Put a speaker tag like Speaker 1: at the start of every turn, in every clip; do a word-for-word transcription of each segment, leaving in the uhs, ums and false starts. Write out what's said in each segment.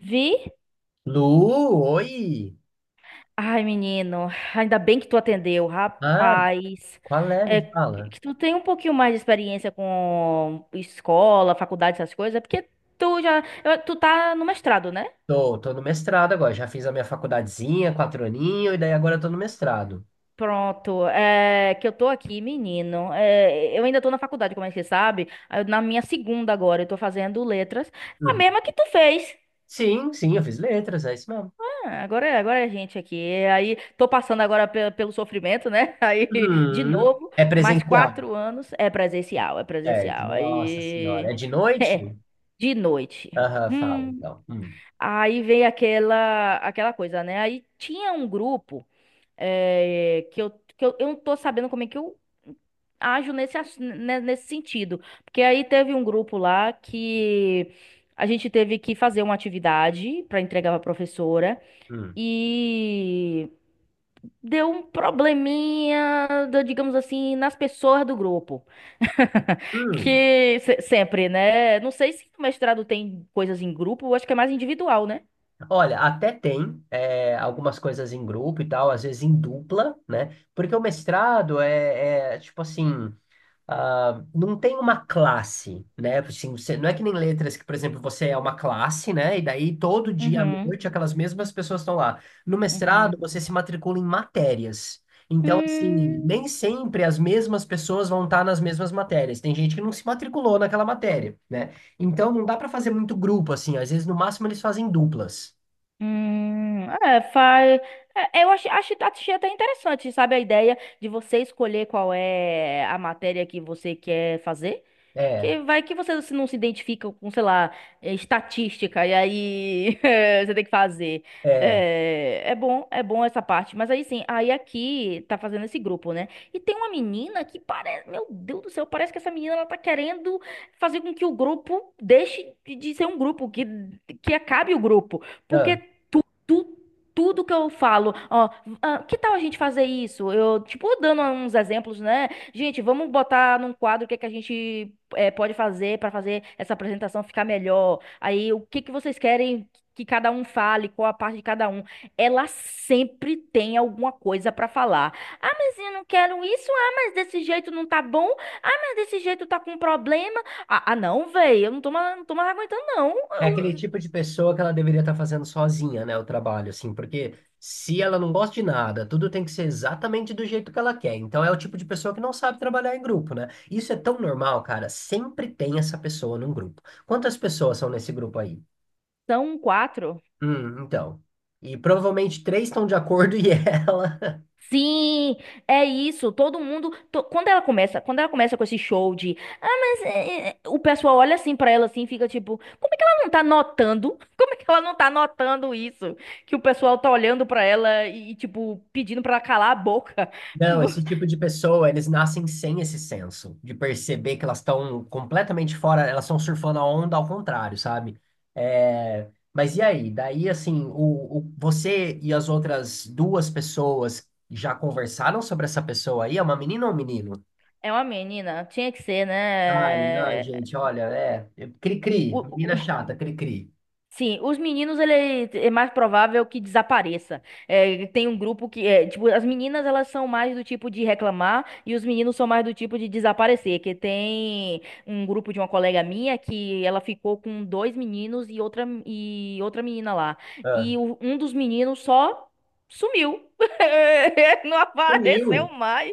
Speaker 1: Vi?
Speaker 2: Lu, oi!
Speaker 1: Ai, menino, ainda bem que tu atendeu,
Speaker 2: Ah,
Speaker 1: rapaz.
Speaker 2: qual é?
Speaker 1: É,
Speaker 2: Me
Speaker 1: que
Speaker 2: fala.
Speaker 1: que tu tem um pouquinho mais de experiência com escola, faculdade, essas coisas, é porque tu já, eu- tu tá no mestrado, né?
Speaker 2: Tô, tô no mestrado agora. Já fiz a minha faculdadezinha, quatro aninhos, e daí agora eu tô no mestrado.
Speaker 1: Pronto, é que eu tô aqui, menino. É, eu ainda tô na faculdade, como é que você sabe? Eu- Na minha segunda agora, eu tô fazendo letras, a
Speaker 2: Uhum.
Speaker 1: mesma que tu fez.
Speaker 2: Sim, sim, eu fiz letras, é isso mesmo.
Speaker 1: É, agora, é- agora é a gente aqui. E aí tô passando agora pe- pelo sofrimento, né? Aí de
Speaker 2: Uhum.
Speaker 1: novo,
Speaker 2: É
Speaker 1: mais
Speaker 2: presencial,
Speaker 1: quatro anos é presencial, é
Speaker 2: certo?
Speaker 1: presencial.
Speaker 2: Nossa senhora. É
Speaker 1: Aí
Speaker 2: de noite?
Speaker 1: de noite.
Speaker 2: Aham, fala
Speaker 1: Hum,
Speaker 2: então. Hum,
Speaker 1: aí vem aquela aquela coisa, né? Aí tinha um grupo é, que eu que eu, eu não tô sabendo como é que eu ajo nesse, ass- né, nesse sentido. Porque aí teve um grupo lá que a gente teve que fazer uma atividade para entregar para a professora.
Speaker 2: hum,
Speaker 1: E deu um probleminha, do- digamos assim, nas pessoas do grupo.
Speaker 2: hum.
Speaker 1: Que se- sempre, né? Não sei se no mestrado tem coisas em grupo, eu acho que é mais individual, né?
Speaker 2: Olha, até tem é, algumas coisas em grupo e tal, às vezes em dupla, né? Porque o mestrado é, é tipo assim. Ah, não tem uma classe, né? Assim, você, não é que nem letras que, por exemplo, você é uma classe, né? E daí todo dia à
Speaker 1: Uhum,
Speaker 2: noite aquelas mesmas pessoas estão lá. No mestrado,
Speaker 1: uhum.
Speaker 2: você se matricula em matérias. Então, assim,
Speaker 1: Hum,
Speaker 2: nem sempre as mesmas pessoas vão estar nas mesmas matérias. Tem gente que não se matriculou naquela matéria, né? Então, não dá para fazer muito grupo, assim. Às vezes, no máximo, eles fazem duplas.
Speaker 1: hum, é, faz. É, eu acho, acho, achei até interessante, sabe, a ideia de você escolher qual é a matéria que você quer fazer.
Speaker 2: É,
Speaker 1: Que vai que você se- não se identifica com, sei lá, eh, estatística, e aí eh, você tem que fazer.
Speaker 2: é.
Speaker 1: É, é bom, é bom essa parte. Mas aí sim, aí aqui tá fazendo esse grupo, né? E tem uma menina que parece, meu Deus do céu, parece que essa menina ela tá querendo fazer com que o grupo deixe de de ser um grupo, que, que acabe o grupo. Porque tu, tu- tudo que eu falo, ó, ah, que tal a gente fazer isso? Eu, tipo, dando uns exemplos, né? Gente, vamos botar num quadro o que é que a gente é, pode fazer para fazer essa apresentação ficar melhor? Aí, o que que vocês querem que cada um fale, qual a parte de cada um? Ela sempre tem alguma coisa para falar. Ah, mas eu não quero isso. Ah, mas desse jeito não tá bom. Ah, mas desse jeito tá com problema. Ah, ah, não, velho, eu não tô, mais- não tô mais aguentando, não.
Speaker 2: É aquele
Speaker 1: Eu-
Speaker 2: tipo de pessoa que ela deveria estar fazendo sozinha, né, o trabalho, assim, porque se ela não gosta de nada, tudo tem que ser exatamente do jeito que ela quer. Então é o tipo de pessoa que não sabe trabalhar em grupo, né? Isso é tão normal, cara. Sempre tem essa pessoa num grupo. Quantas pessoas são nesse grupo aí?
Speaker 1: são quatro.
Speaker 2: Hum, então. E provavelmente três estão de acordo e ela.
Speaker 1: Sim, é isso. Todo mundo, to- quando ela começa, quando ela começa com esse show de, ah, mas é, é", o pessoal olha assim pra ela assim, e fica tipo, como é que ela não tá notando? Como é que ela não tá notando isso? Que o pessoal tá olhando pra ela e tipo pedindo pra ela calar a boca.
Speaker 2: Não, esse tipo de pessoa, eles nascem sem esse senso de perceber que elas estão completamente fora, elas estão surfando a onda ao contrário, sabe? É, mas e aí? Daí, assim, o, o- você e as outras duas pessoas já conversaram sobre essa pessoa aí? É uma menina ou um menino?
Speaker 1: É uma menina, tinha que ser,
Speaker 2: Ai, não,
Speaker 1: né?
Speaker 2: gente, olha, é. Cri-cri,
Speaker 1: O,
Speaker 2: menina
Speaker 1: o-
Speaker 2: chata, cri-cri.
Speaker 1: Sim, os meninos, ele é mais provável que desapareça. É, tem um grupo que, é, tipo, as meninas, elas são mais do tipo de reclamar e os meninos são mais do tipo de desaparecer. Que tem um grupo de uma colega minha que ela ficou com dois meninos e outra, e outra menina lá.
Speaker 2: Ah,
Speaker 1: E o- um dos meninos só sumiu. Não
Speaker 2: sumiu.
Speaker 1: apareceu mais.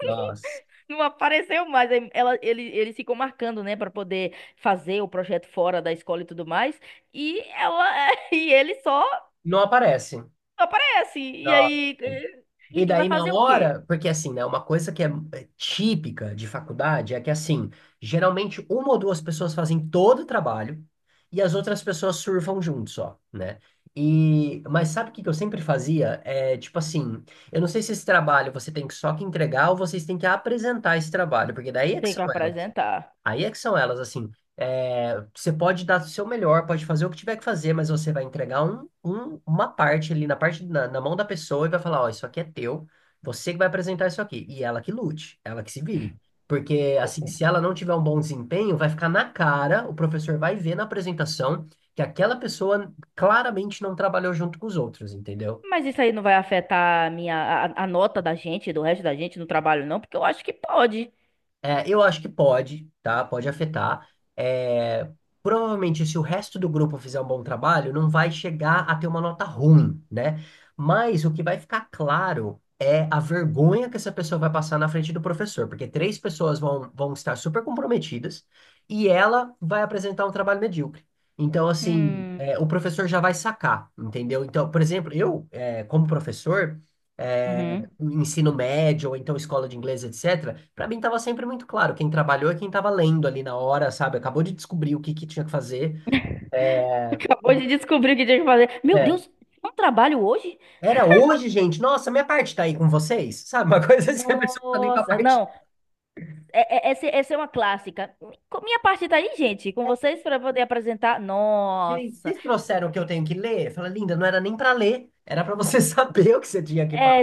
Speaker 2: Nossa.
Speaker 1: Não apareceu mais. Aí ela, ele, eles ficam marcando, né, pra poder fazer o projeto fora da escola e tudo mais. E ela e ele só
Speaker 2: Não aparece.
Speaker 1: aparece. E
Speaker 2: Nossa.
Speaker 1: aí eh,
Speaker 2: E
Speaker 1: e, e vai
Speaker 2: daí na
Speaker 1: fazer o quê?
Speaker 2: hora, porque assim, né, uma coisa que é é típica de faculdade é que assim, geralmente uma ou duas pessoas fazem todo o trabalho e as outras pessoas surfam junto só, né? E, mas sabe o que que eu sempre fazia? É tipo assim, eu não sei se esse trabalho você tem que só que entregar ou vocês têm que apresentar esse trabalho, porque daí é que
Speaker 1: Tem que
Speaker 2: são elas.
Speaker 1: apresentar.
Speaker 2: Aí é que são elas, assim. É, você pode dar o seu melhor, pode fazer o que tiver que fazer, mas você vai entregar um, um- uma parte ali na parte na, na mão da pessoa e vai falar, ó, isso aqui é teu, você que vai apresentar isso aqui. E ela que lute, ela que se vire. Porque,
Speaker 1: O-
Speaker 2: assim,
Speaker 1: o-
Speaker 2: se ela não tiver um bom desempenho, vai ficar na cara, o professor vai ver na apresentação que aquela pessoa claramente não trabalhou junto com os outros, entendeu?
Speaker 1: Mas isso aí não vai afetar a minha a, a nota da gente, do resto da gente no trabalho, não? Porque eu acho que pode.
Speaker 2: É, eu acho que pode, tá? Pode afetar. É, provavelmente, se o resto do grupo fizer um bom trabalho, não vai chegar a ter uma nota ruim, né? Mas o que vai ficar claro é a vergonha que essa pessoa vai passar na frente do professor, porque três pessoas vão, vão estar super comprometidas e ela vai apresentar um trabalho medíocre. Então, assim,
Speaker 1: Hum,
Speaker 2: é, o professor já vai sacar, entendeu? Então, por exemplo, eu, é, como professor. É,
Speaker 1: uhum.
Speaker 2: o ensino médio, ou então escola de inglês, et cetera, para mim estava sempre muito claro. Quem trabalhou é quem estava lendo ali na hora, sabe? Acabou de descobrir o que que tinha que fazer.
Speaker 1: Acabou de descobrir o que tinha que fazer. Meu
Speaker 2: É,
Speaker 1: Deus, não trabalho hoje?
Speaker 2: era hoje, gente. Nossa, minha parte tá aí com vocês, sabe? Uma coisa assim, a pessoa tá nem com a
Speaker 1: Nossa,
Speaker 2: parte.
Speaker 1: não. É- é- Essa, essa é uma clássica. Com- Minha parte tá aí, gente, com vocês para poder apresentar.
Speaker 2: Gente,
Speaker 1: Nossa,
Speaker 2: vocês trouxeram o que eu tenho que ler? Fala, linda, não era nem para ler, era para você saber o que você tinha que falar,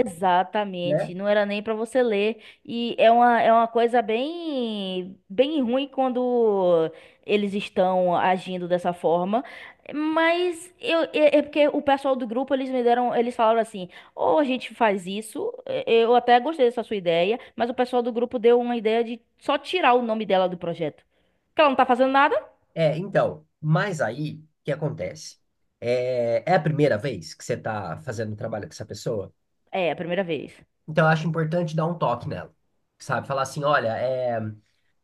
Speaker 2: né?
Speaker 1: Não era nem para você ler. E é uma, é uma coisa bem, bem ruim quando eles estão agindo dessa forma. Mas eu, é, é porque o pessoal do grupo, eles me deram, eles falaram assim: ou a gente faz isso, é, eu até gostei dessa sua ideia, mas o pessoal do grupo deu uma ideia de só tirar o nome dela do projeto. Porque ela não tá fazendo nada.
Speaker 2: É, então, mas aí, o que acontece? É, é a primeira vez que você está fazendo trabalho com essa pessoa?
Speaker 1: É, a primeira vez.
Speaker 2: Então, eu acho importante dar um toque nela, sabe? Falar assim, olha, é,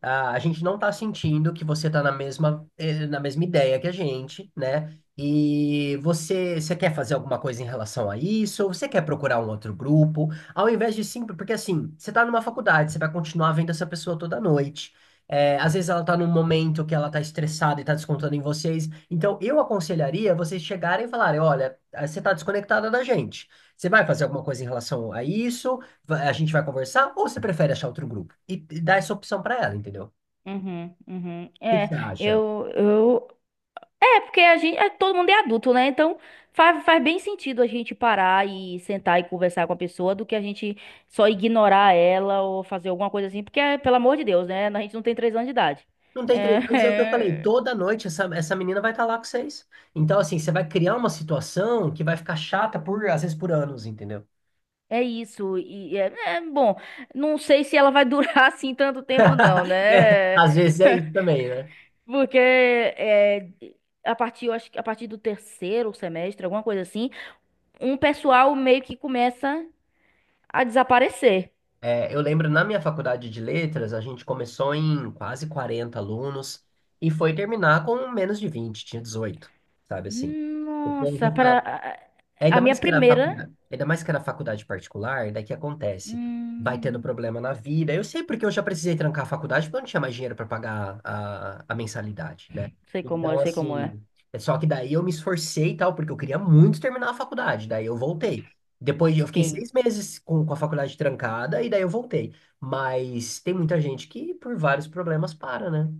Speaker 2: a, a gente não tá sentindo que você tá na mesma, eh, na mesma ideia que a gente, né? E você, você quer fazer alguma coisa em relação a isso? Ou você quer procurar um outro grupo? Ao invés de simples, porque assim, você tá numa faculdade, você vai continuar vendo essa pessoa toda noite. É, às vezes ela tá num momento que ela tá estressada e tá descontando em vocês. Então, eu aconselharia vocês chegarem e falarem, olha, eh, você tá desconectada da gente. Você vai fazer alguma coisa em relação a isso? Va- a gente vai conversar ou você prefere achar outro grupo? E, e dar essa opção pra ela, entendeu? O
Speaker 1: Uhum, uhum.
Speaker 2: que que
Speaker 1: É,
Speaker 2: você acha?
Speaker 1: eu, eu. É, porque a gente. É, todo mundo é adulto, né? Então faz, faz bem sentido a gente parar e sentar e conversar com a pessoa do que a gente só ignorar ela ou fazer alguma coisa assim, porque, é, pelo amor de Deus, né? A gente não tem três anos de idade.
Speaker 2: Não tem três anos, é o que eu falei,
Speaker 1: É,
Speaker 2: toda noite essa, essa menina vai estar lá com vocês. Então, assim, você vai criar uma situação que vai ficar chata por, às vezes, por anos, entendeu?
Speaker 1: é isso. E é, é, bom, não sei se ela vai durar assim tanto tempo, não,
Speaker 2: É,
Speaker 1: né?
Speaker 2: às vezes é isso também, né?
Speaker 1: Porque é, a partir, eu acho que a partir do terceiro semestre, alguma coisa assim um pessoal meio que começa a desaparecer.
Speaker 2: É, eu lembro na minha faculdade de letras, a gente começou em quase quarenta alunos e foi terminar com menos de vinte, tinha dezoito, sabe assim? O
Speaker 1: Nossa,
Speaker 2: povo.
Speaker 1: para a a
Speaker 2: Ainda
Speaker 1: minha
Speaker 2: mais que era
Speaker 1: primeira.
Speaker 2: faculdade, ainda mais que era faculdade particular, daí que acontece? Vai tendo
Speaker 1: Hum,
Speaker 2: problema na vida. Eu sei porque eu já precisei trancar a faculdade porque eu não tinha mais dinheiro para pagar a, a mensalidade, né?
Speaker 1: sei como
Speaker 2: Então,
Speaker 1: é, sei como é.
Speaker 2: assim, é só que daí eu me esforcei e tal, porque eu queria muito terminar a faculdade. Daí eu voltei. Depois eu fiquei
Speaker 1: Sim.
Speaker 2: seis meses com, com a faculdade trancada e daí eu voltei. Mas tem muita gente que por vários problemas para, né?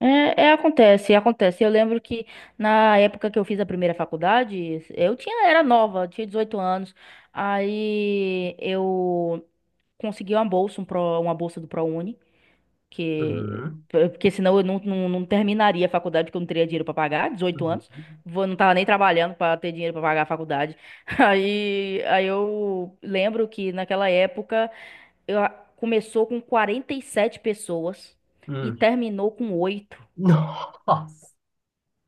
Speaker 1: É, é, acontece, acontece. Eu lembro que na época que eu fiz a primeira faculdade, eu tinha, era nova, tinha 18 anos. Aí eu consegui uma bolsa, um pro, uma bolsa do ProUni. Que...
Speaker 2: Uhum.
Speaker 1: Porque senão eu não, não, não terminaria a faculdade, porque eu não teria dinheiro pra pagar, dezoito anos.
Speaker 2: Uhum.
Speaker 1: Vou, não tava nem trabalhando pra ter dinheiro pra pagar a faculdade. Aí, aí eu lembro que naquela época eu, a- começou com quarenta e sete pessoas e
Speaker 2: Hum.
Speaker 1: terminou com oito,
Speaker 2: Nossa!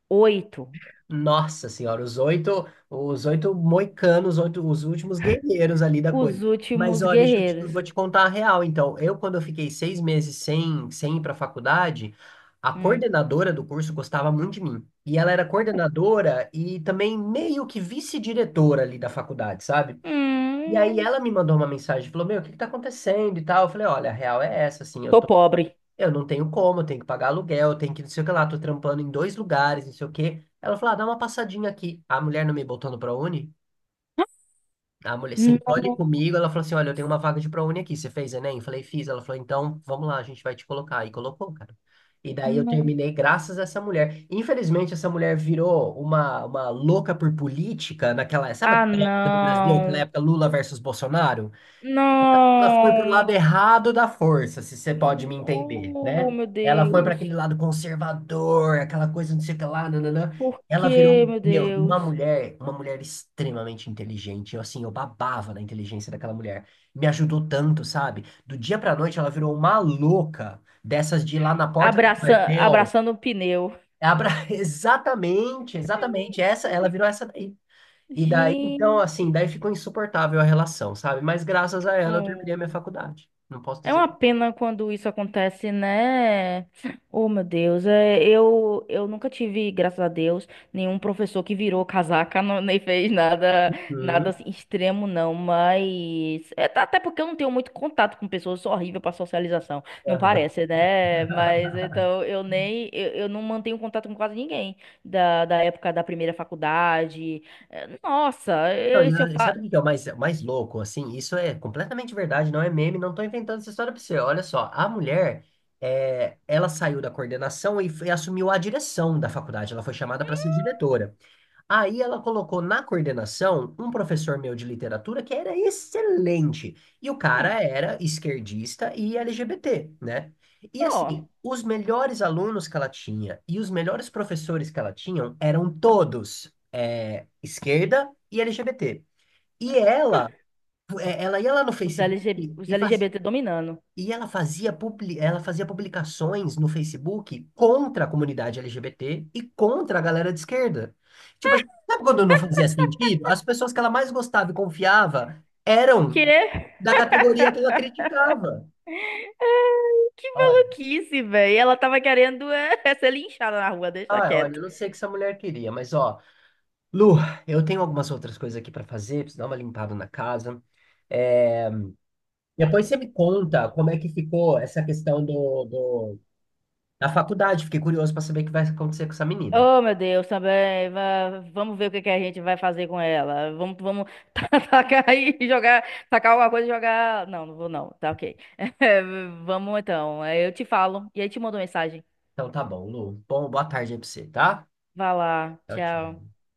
Speaker 1: oito.
Speaker 2: Nossa senhora, os oito, os oito moicanos, os, oito- os últimos guerreiros ali da
Speaker 1: Os
Speaker 2: coisa. Mas
Speaker 1: últimos
Speaker 2: ó, deixa eu te, eu
Speaker 1: guerreiros.
Speaker 2: vou te contar a real. Então, eu quando eu fiquei seis meses sem, sem ir para a faculdade, a
Speaker 1: Hum.
Speaker 2: coordenadora do curso gostava muito de mim. E ela era coordenadora e também meio que vice-diretora ali da faculdade, sabe? E aí
Speaker 1: Hum.
Speaker 2: ela me mandou uma mensagem, falou, meu, o que que tá acontecendo e tal? Eu falei, olha, a real é essa, assim, eu
Speaker 1: Tô pobre.
Speaker 2: eu não tenho como, eu tenho que pagar aluguel, eu tenho que não sei o que lá, tô trampando em dois lugares, não sei o que. Ela falou, ah, dá uma passadinha aqui. A mulher não me botou no ProUni? A mulher sentou ali
Speaker 1: Não,
Speaker 2: comigo, ela falou assim, olha, eu tenho uma vaga de ProUni aqui, você fez Enem? Eu falei, fiz. Ela falou, então, vamos lá, a gente vai te colocar. E colocou, cara. E daí eu
Speaker 1: não.
Speaker 2: terminei graças a essa mulher. Infelizmente, essa mulher virou uma, uma louca por política naquela, sabe
Speaker 1: Ah,
Speaker 2: aquela época do Brasil, aquela
Speaker 1: não.
Speaker 2: época Lula versus Bolsonaro? Ela foi para o lado
Speaker 1: Não.
Speaker 2: errado da força, se você pode me entender,
Speaker 1: Oh,
Speaker 2: né?
Speaker 1: meu
Speaker 2: Ela foi para
Speaker 1: Deus.
Speaker 2: aquele lado conservador, aquela coisa não sei o que lá, nananã.
Speaker 1: Por
Speaker 2: Ela virou,
Speaker 1: que,
Speaker 2: um,
Speaker 1: meu
Speaker 2: meu, uma
Speaker 1: Deus?
Speaker 2: mulher, uma mulher extremamente inteligente. Eu, assim, eu babava na inteligência daquela mulher. Me ajudou tanto, sabe? Do dia pra noite, ela virou uma louca dessas de ir lá na porta do
Speaker 1: Abraça...
Speaker 2: quartel.
Speaker 1: Abraçando o pneu.
Speaker 2: Abra... Exatamente, exatamente. Essa, ela virou essa. E daí, então, assim,
Speaker 1: Gente.
Speaker 2: daí ficou insuportável a relação, sabe? Mas graças a ela eu terminei a minha
Speaker 1: Hum.
Speaker 2: faculdade. Não posso
Speaker 1: É
Speaker 2: dizer.
Speaker 1: uma pena quando isso acontece, né? Oh, meu Deus, é, eu, eu nunca tive, graças a Deus, nenhum professor que virou casaca, não- nem fez nada, nada
Speaker 2: Hum,
Speaker 1: assim, extremo, não. Mas é, tá- até porque eu não tenho muito contato com pessoas, eu sou horrível para socialização, não
Speaker 2: aham.
Speaker 1: parece, né? Mas então eu nem, eu, eu não mantenho contato com quase ninguém da, da época da primeira faculdade. É, nossa,
Speaker 2: Não,
Speaker 1: eh, se eu
Speaker 2: e, ah,
Speaker 1: falo,
Speaker 2: sabe o que é o mais, mais louco? Assim, isso é completamente verdade, não é meme, não tô inventando essa história pra você. Olha só, a mulher, é, ela saiu da coordenação e, foi- assumiu a direção da faculdade. Ela foi chamada para ser diretora. Aí ela colocou na coordenação um professor meu de literatura que era excelente. E o cara era esquerdista e L G B T, né? E
Speaker 1: ó,
Speaker 2: assim, os melhores alunos que ela tinha e os melhores professores que ela tinha eram todos é, esquerda e L G B T. E ela, é, ela ia lá no
Speaker 1: os
Speaker 2: Facebook
Speaker 1: LG os
Speaker 2: e fazia
Speaker 1: L G B T dominando.
Speaker 2: e ela fazia, publi- ela fazia publicações no Facebook contra a comunidade L G B T e contra a galera de esquerda. Tipo assim, sabe quando não fazia sentido? As pessoas que ela mais gostava e confiava eram
Speaker 1: Quê?
Speaker 2: da categoria que ela criticava.
Speaker 1: Que
Speaker 2: Olha,
Speaker 1: maluquice, velho. Ela tava querendo é, ser linchada na rua, deixa
Speaker 2: ah, olha,
Speaker 1: quieto.
Speaker 2: eu não sei o que essa mulher queria, mas ó, Lu, eu tenho algumas outras coisas aqui para fazer, preciso dar uma limpada na casa. É, depois você me conta como é que ficou essa questão do, do- da faculdade. Fiquei curioso para saber o que vai acontecer com essa menina.
Speaker 1: Oh, meu Deus, também. va- Vamos ver o que que a gente vai fazer com ela. Vamos, vamos ta- tacar aí e jogar, tacar alguma coisa e jogar. Não, não vou não. Tá ok. É, vamos então. Aí eu te falo e aí te mando mensagem.
Speaker 2: Então tá bom, Lu. Bom, boa tarde aí pra você, tá?
Speaker 1: Vá lá.
Speaker 2: Tchau, tchau.
Speaker 1: Tchau.